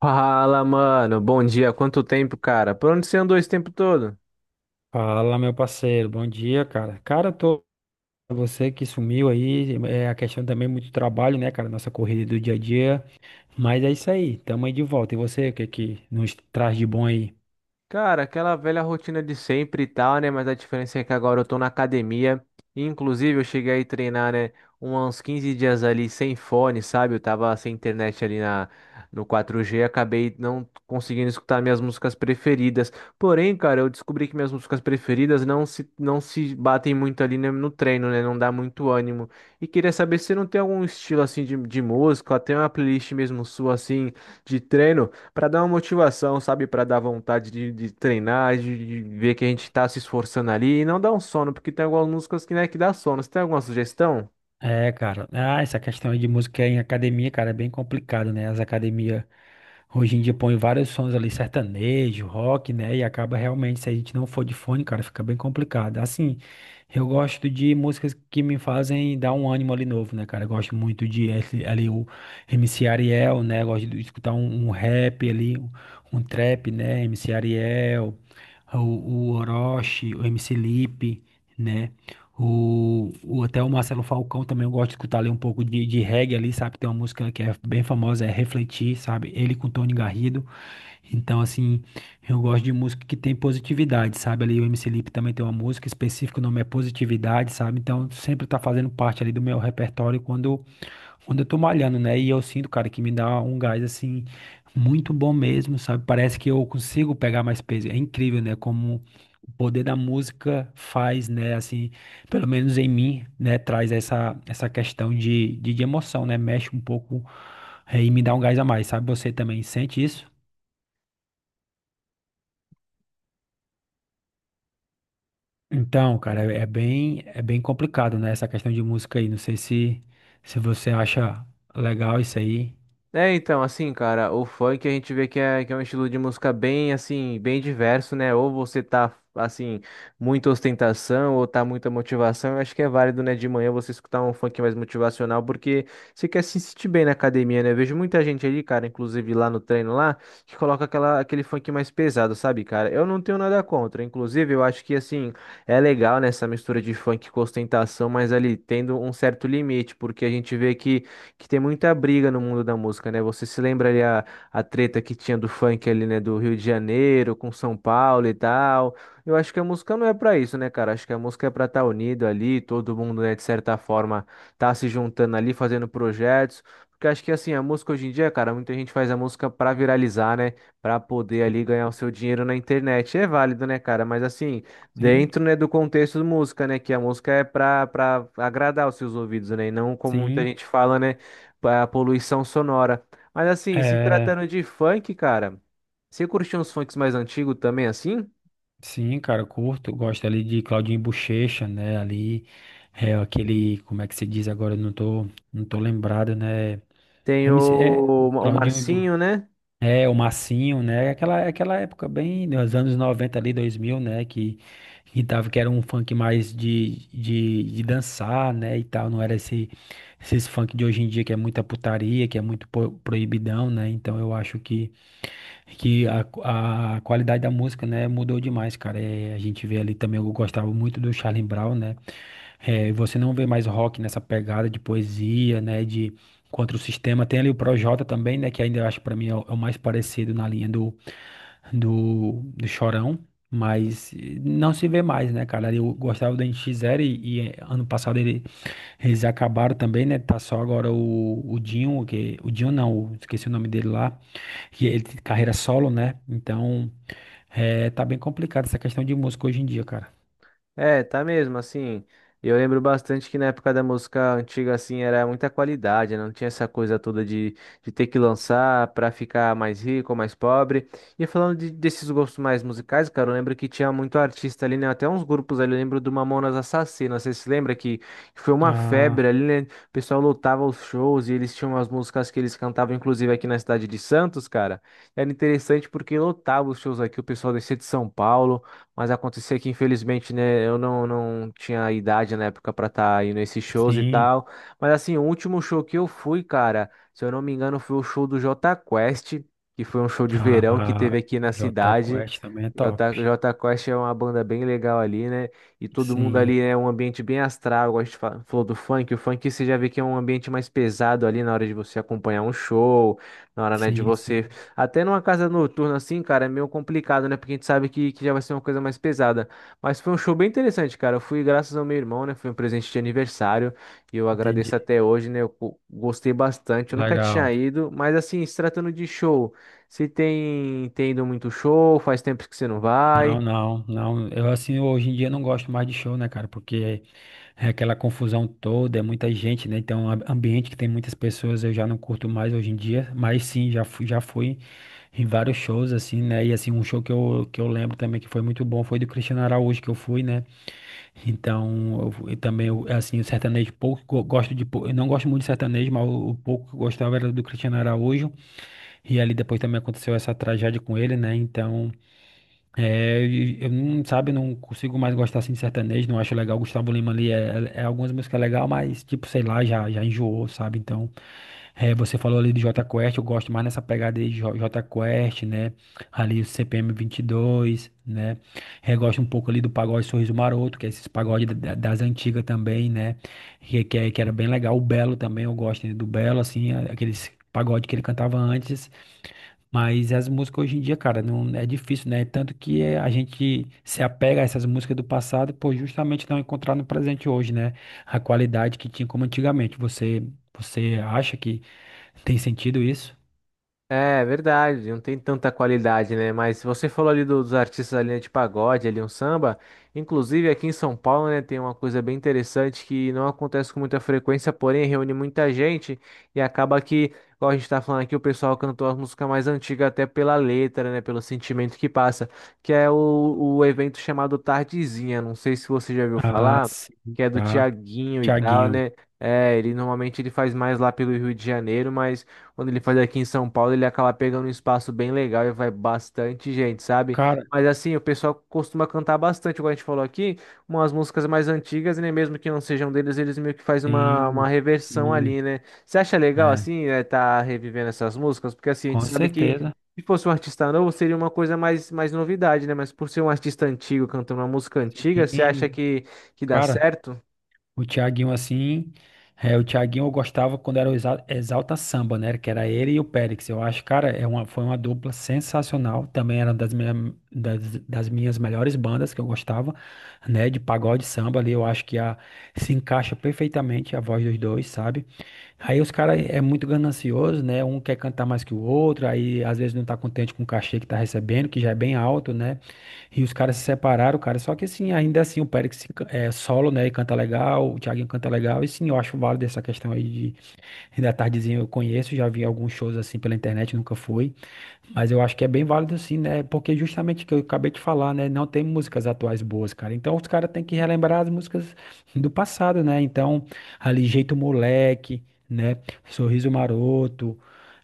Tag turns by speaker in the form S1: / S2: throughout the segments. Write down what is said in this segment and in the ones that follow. S1: Fala, mano. Bom dia. Quanto tempo, cara? Por onde você andou esse tempo todo?
S2: Fala, meu parceiro, bom dia, cara. Cara, tô você que sumiu aí, é a questão também muito trabalho, né, cara, nossa corrida do dia a dia, mas é isso aí, tamo aí de volta. E você, o que que nos traz de bom aí?
S1: Cara, aquela velha rotina de sempre e tal, né? Mas a diferença é que agora eu tô na academia. E, inclusive, eu cheguei aí treinar, né? Uns 15 dias ali sem fone, sabe? Eu tava sem internet no 4G. Acabei não conseguindo escutar minhas músicas preferidas. Porém, cara, eu descobri que minhas músicas preferidas não se batem muito ali no, no treino, né? Não dá muito ânimo. E queria saber se você não tem algum estilo assim de música, até uma playlist mesmo sua assim de treino para dar uma motivação, sabe? Para dar vontade de treinar, de ver que a gente tá se esforçando ali e não dar um sono, porque tem algumas músicas que, né, que dá sono. Você tem alguma sugestão?
S2: É, cara, ah, essa questão aí de música em academia, cara, é bem complicado, né? As academias hoje em dia põe vários sons ali sertanejo, rock, né? E acaba realmente, se a gente não for de fone, cara, fica bem complicado. Assim, eu gosto de músicas que me fazem dar um ânimo ali novo, né, cara? Eu gosto muito ali o MC Ariel, né? Eu gosto de escutar um rap ali, um trap, né? MC Ariel, o Orochi, o MC Lipe, né? Até o Marcelo Falcão também eu gosto de escutar ali um pouco de reggae ali, sabe? Tem uma música que é bem famosa, é Refletir, sabe? Ele com Tony Garrido. Então, assim, eu gosto de música que tem positividade, sabe? Ali o MC Lipe também tem uma música específica, o nome é Positividade, sabe? Então, sempre tá fazendo parte ali do meu repertório quando eu tô malhando, né? E eu sinto, cara, que me dá um gás assim muito bom mesmo, sabe? Parece que eu consigo pegar mais peso. É incrível, né? Como o poder da música faz, né? Assim, pelo menos em mim, né? Traz essa questão de emoção, né? Mexe um pouco, é, e me dá um gás a mais, sabe? Você também sente isso? Então, cara, é bem complicado, né? Essa questão de música aí. Não sei se, se você acha legal isso aí.
S1: É, então, assim, cara, o funk a gente vê que é um estilo de música bem, assim, bem diverso, né? Ou você tá, assim, muita ostentação, ou tá muita motivação. Eu acho que é válido, né, de manhã você escutar um funk mais motivacional, porque você quer se sentir bem na academia, né? Eu vejo muita gente ali, cara, inclusive lá no treino lá, que coloca aquele funk mais pesado, sabe, cara? Eu não tenho nada contra. Inclusive, eu acho que, assim, é legal, né, essa mistura de funk com ostentação, mas ali tendo um certo limite, porque a gente vê que tem muita briga no mundo da música, né? Você se lembra a treta que tinha do funk ali, né? Do Rio de Janeiro com São Paulo e tal. Eu acho que a música não é pra isso, né, cara? Acho que a música é pra estar unido ali, todo mundo, né, de certa forma, tá se juntando ali, fazendo projetos. Porque acho que assim, a música hoje em dia, cara, muita gente faz a música pra viralizar, né? Pra poder
S2: Sim,
S1: ali ganhar o seu dinheiro na internet. É válido, né, cara? Mas assim,
S2: sim.
S1: dentro, né, do contexto de música, né? Que a música é pra agradar os seus ouvidos, né? E não como muita
S2: Sim.
S1: gente fala, né? É a poluição sonora. Mas assim, se
S2: É,
S1: tratando de funk, cara, você curtiu uns funks mais antigos também, assim?
S2: sim, cara, eu curto, eu gosto ali de Claudinho Bochecha, né? Ali é aquele, como é que se diz agora? Eu não tô, não tô lembrado, né?
S1: Tem
S2: MC é o
S1: o
S2: Claudinho e
S1: Marcinho, né?
S2: é o Massinho, né? Aquela época bem dos anos 90 ali, 2000 né, que tava que era um funk mais de dançar, né, e tal, não era esses funk de hoje em dia que é muita putaria, que é muito proibidão, né? Então eu acho que a, a qualidade da música, né, mudou demais, cara. É, a gente vê ali também, eu gostava muito do Charlie Brown, né? É, você não vê mais rock nessa pegada de poesia, né, de contra o sistema. Tem ali o Projota também, né, que ainda eu acho para mim é é o mais parecido na linha do Chorão. Mas não se vê mais, né, cara? Eu gostava do N X Zero ano passado eles acabaram também, né? Tá só agora o Dinho, que, o Dinho não, esqueci o nome dele lá. E ele tem carreira solo, né? Então, é, tá bem complicado essa questão de música hoje em dia, cara.
S1: É, tá mesmo, assim. Eu lembro bastante que na época da música antiga, assim, era muita qualidade, né, não tinha essa coisa toda de ter que lançar pra ficar mais rico, mais pobre. E desses gostos mais musicais, cara, eu lembro que tinha muito artista ali, né? Até uns grupos ali, eu lembro do Mamonas Assassinas, você se lembra que foi uma febre
S2: Ah,
S1: ali, né? O pessoal lotava os shows e eles tinham as músicas que eles cantavam, inclusive aqui na cidade de Santos, cara. Era interessante porque lotava os shows aqui, o pessoal descia de São Paulo. Mas acontecia que, infelizmente, né, eu não, não tinha idade na época pra estar indo a esses shows e
S2: sim.
S1: tal. Mas, assim, o último show que eu fui, cara, se eu não me engano, foi o show do Jota Quest, que foi um show de verão que
S2: A
S1: teve aqui na
S2: Jota
S1: cidade.
S2: Quest também é top.
S1: Jota Quest é uma banda bem legal ali, né? E todo mundo
S2: Sim,
S1: ali é um ambiente bem astral. Igual a gente falou do funk. O funk você já vê que é um ambiente mais pesado ali na hora de você acompanhar um show, na hora, né, de
S2: sim, sim.
S1: você até numa casa noturna assim, cara, é meio complicado, né? Porque a gente sabe que já vai ser uma coisa mais pesada. Mas foi um show bem interessante, cara. Eu fui graças ao meu irmão, né? Foi um presente de aniversário e eu agradeço
S2: Entendi.
S1: até hoje, né? Eu gostei bastante. Eu nunca tinha
S2: Legal.
S1: ido, mas assim, se tratando de show, se tem, tem ido muito show, faz tempo que você não vai.
S2: Não, não, não. Eu assim, hoje em dia não gosto mais de show, né, cara? Porque é aquela confusão toda, é muita gente, né? Então, a- ambiente que tem muitas pessoas, eu já não curto mais hoje em dia, mas sim, já fui em vários shows assim, né? E assim, um show que eu lembro também que foi muito bom foi do Cristiano Araújo que eu fui, né? Então, eu, também eu, assim, o sertanejo pouco gosto de, eu não gosto muito de sertanejo, mas o pouco que eu gostava era do Cristiano Araújo. E ali depois também aconteceu essa tragédia com ele, né? Então, é, e eu não, sabe, não consigo mais gostar assim de sertanejo, não acho legal. Gustavo Lima ali é algumas músicas legal, mas tipo, sei lá, já enjoou, sabe? Então, é, você falou ali de Jota Quest, eu gosto mais nessa pegada aí de Jota Quest, né? Ali o CPM dois né? É, gosto um pouco ali do pagode Sorriso Maroto, que é esses pagode das antigas também, né? Que era bem legal. O Belo também, eu gosto né, do Belo, assim, aqueles pagode que ele cantava antes. Mas as músicas hoje em dia, cara, não é difícil, né? Tanto que a gente se apega a essas músicas do passado por justamente não encontrar no presente hoje, né? A qualidade que tinha como antigamente. Você acha que tem sentido isso?
S1: É verdade, não tem tanta qualidade, né? Mas você falou ali dos artistas da linha de pagode, ali um samba. Inclusive aqui em São Paulo, né, tem uma coisa bem interessante que não acontece com muita frequência, porém reúne muita gente e acaba que, igual a gente tá falando aqui, o pessoal cantou as músicas mais antigas até pela letra, né, pelo sentimento que passa, que é o, o evento chamado Tardezinha. Não sei se você já ouviu
S2: Ah,
S1: falar,
S2: sim,
S1: que é do
S2: tá.
S1: Tiaguinho e tal,
S2: Thiaguinho.
S1: né? É, ele normalmente ele faz mais lá pelo Rio de Janeiro, mas quando ele faz aqui em São Paulo, ele acaba pegando um espaço bem legal e vai bastante gente, sabe?
S2: Cara,
S1: Mas assim, o pessoal costuma cantar bastante, como a gente falou aqui, umas músicas mais antigas, né? Mesmo que não sejam deles, eles meio que fazem uma
S2: sim,
S1: reversão
S2: sim,
S1: ali, né? Você acha legal,
S2: é,
S1: assim, né, tá revivendo essas músicas? Porque assim, a gente
S2: com
S1: sabe que
S2: certeza.
S1: se fosse um artista novo, seria uma coisa mais, mais novidade, né? Mas por ser um artista antigo cantando uma música antiga, você acha
S2: Sim,
S1: que dá
S2: cara.
S1: certo?
S2: O Thiaguinho, assim, é, o Thiaguinho eu gostava quando era o Exalta Samba, né? Que era ele e o Périx. Eu acho, cara, foi uma dupla sensacional. Também era uma das minhas melhores bandas que eu gostava, né? De pagode samba ali. Eu acho que a, se encaixa perfeitamente a voz dos dois, sabe? Aí os caras é muito ganancioso, né? Um quer cantar mais que o outro, aí às vezes não tá contente com o cachê que tá recebendo, que já é bem alto, né? E os caras se separaram, cara. Só que assim, ainda assim, o Pérez se ca- é solo, né? E canta legal, o Thiaguinho canta legal. E sim, eu acho válido essa questão aí de da tardezinha eu conheço, já vi alguns shows assim pela internet, nunca fui. Mas eu acho que é bem válido sim, né? Porque justamente o que eu acabei de falar, né? Não tem músicas atuais boas, cara. Então os caras têm que relembrar as músicas do passado, né? Então, ali Jeito Moleque, né? Sorriso Maroto,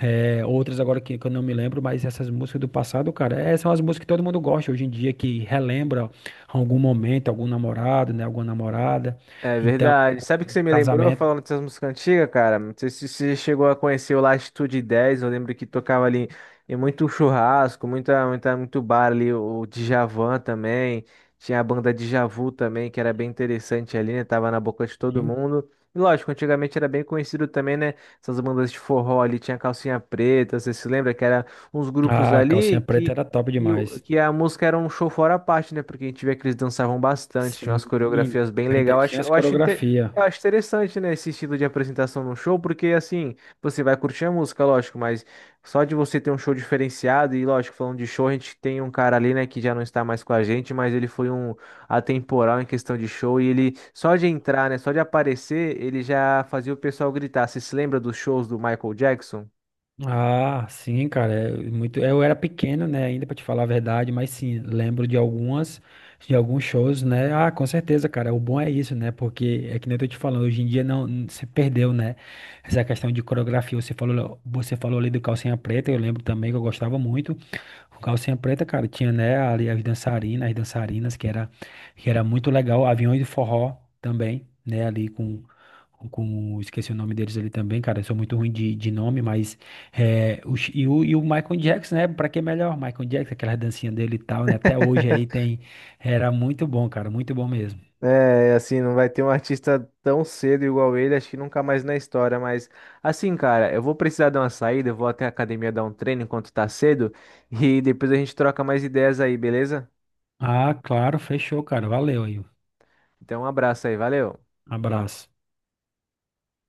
S2: eh, outras agora que eu não me lembro, mas essas músicas do passado, cara, eh, são as músicas que todo mundo gosta hoje em dia, que relembra algum momento, algum namorado, né? Alguma namorada.
S1: É
S2: Então,
S1: verdade. Sabe o que você me lembrou
S2: casamento,
S1: falando dessas músicas antigas, cara? Não sei se você chegou a conhecer o Latitude 10. Eu lembro que tocava ali em muito churrasco, muito bar ali. O Djavan também. Tinha a banda Djavan Vu também, que era bem interessante ali, né? Tava na boca de todo
S2: sim.
S1: mundo. E lógico, antigamente era bem conhecido também, né? Essas bandas de forró ali, tinha Calcinha Preta, você se lembra que eram uns grupos
S2: A
S1: ali
S2: Calcinha Preta
S1: que
S2: era top demais.
S1: que a música era um show fora a parte, né? Porque a gente via que eles dançavam bastante, tinha
S2: Sim,
S1: umas coreografias bem legais.
S2: ainda tinha as coreografias.
S1: Eu acho interessante, né? Esse estilo de apresentação no show, porque assim, você vai curtir a música, lógico, mas só de você ter um show diferenciado, e lógico, falando de show, a gente tem um cara ali, né, que já não está mais com a gente, mas ele foi um atemporal em questão de show, e ele, só de entrar, né, só de aparecer, ele já fazia o pessoal gritar. Você se lembra dos shows do Michael Jackson?
S2: Ah, sim, cara, é muito. Eu era pequeno, né, ainda pra te falar a verdade, mas sim, lembro de algumas, de alguns shows, né? Ah, com certeza, cara. O bom é isso, né? Porque é que nem eu tô te falando, hoje em dia não, se perdeu, né? Essa questão de coreografia, você falou ali do Calcinha Preta, eu lembro também que eu gostava muito. O Calcinha Preta, cara, tinha, né, ali as dançarinas, que era muito legal. Aviões de forró também, né, esqueci o nome deles ali também, cara, eu sou muito ruim de nome, mas, é, o, Chi- e o Michael Jackson, né, pra que melhor? Michael Jackson, aquelas dancinhas dele e tal, né, até hoje aí tem, era muito bom, cara, muito bom mesmo.
S1: É, assim, não vai ter um artista tão cedo igual ele, acho que nunca mais na história, mas assim, cara, eu vou precisar dar uma saída, eu vou até a academia dar um treino enquanto tá cedo e depois a gente troca mais ideias aí, beleza?
S2: Ah, claro, fechou, cara, valeu aí, um
S1: Então, um abraço aí, valeu.
S2: abraço.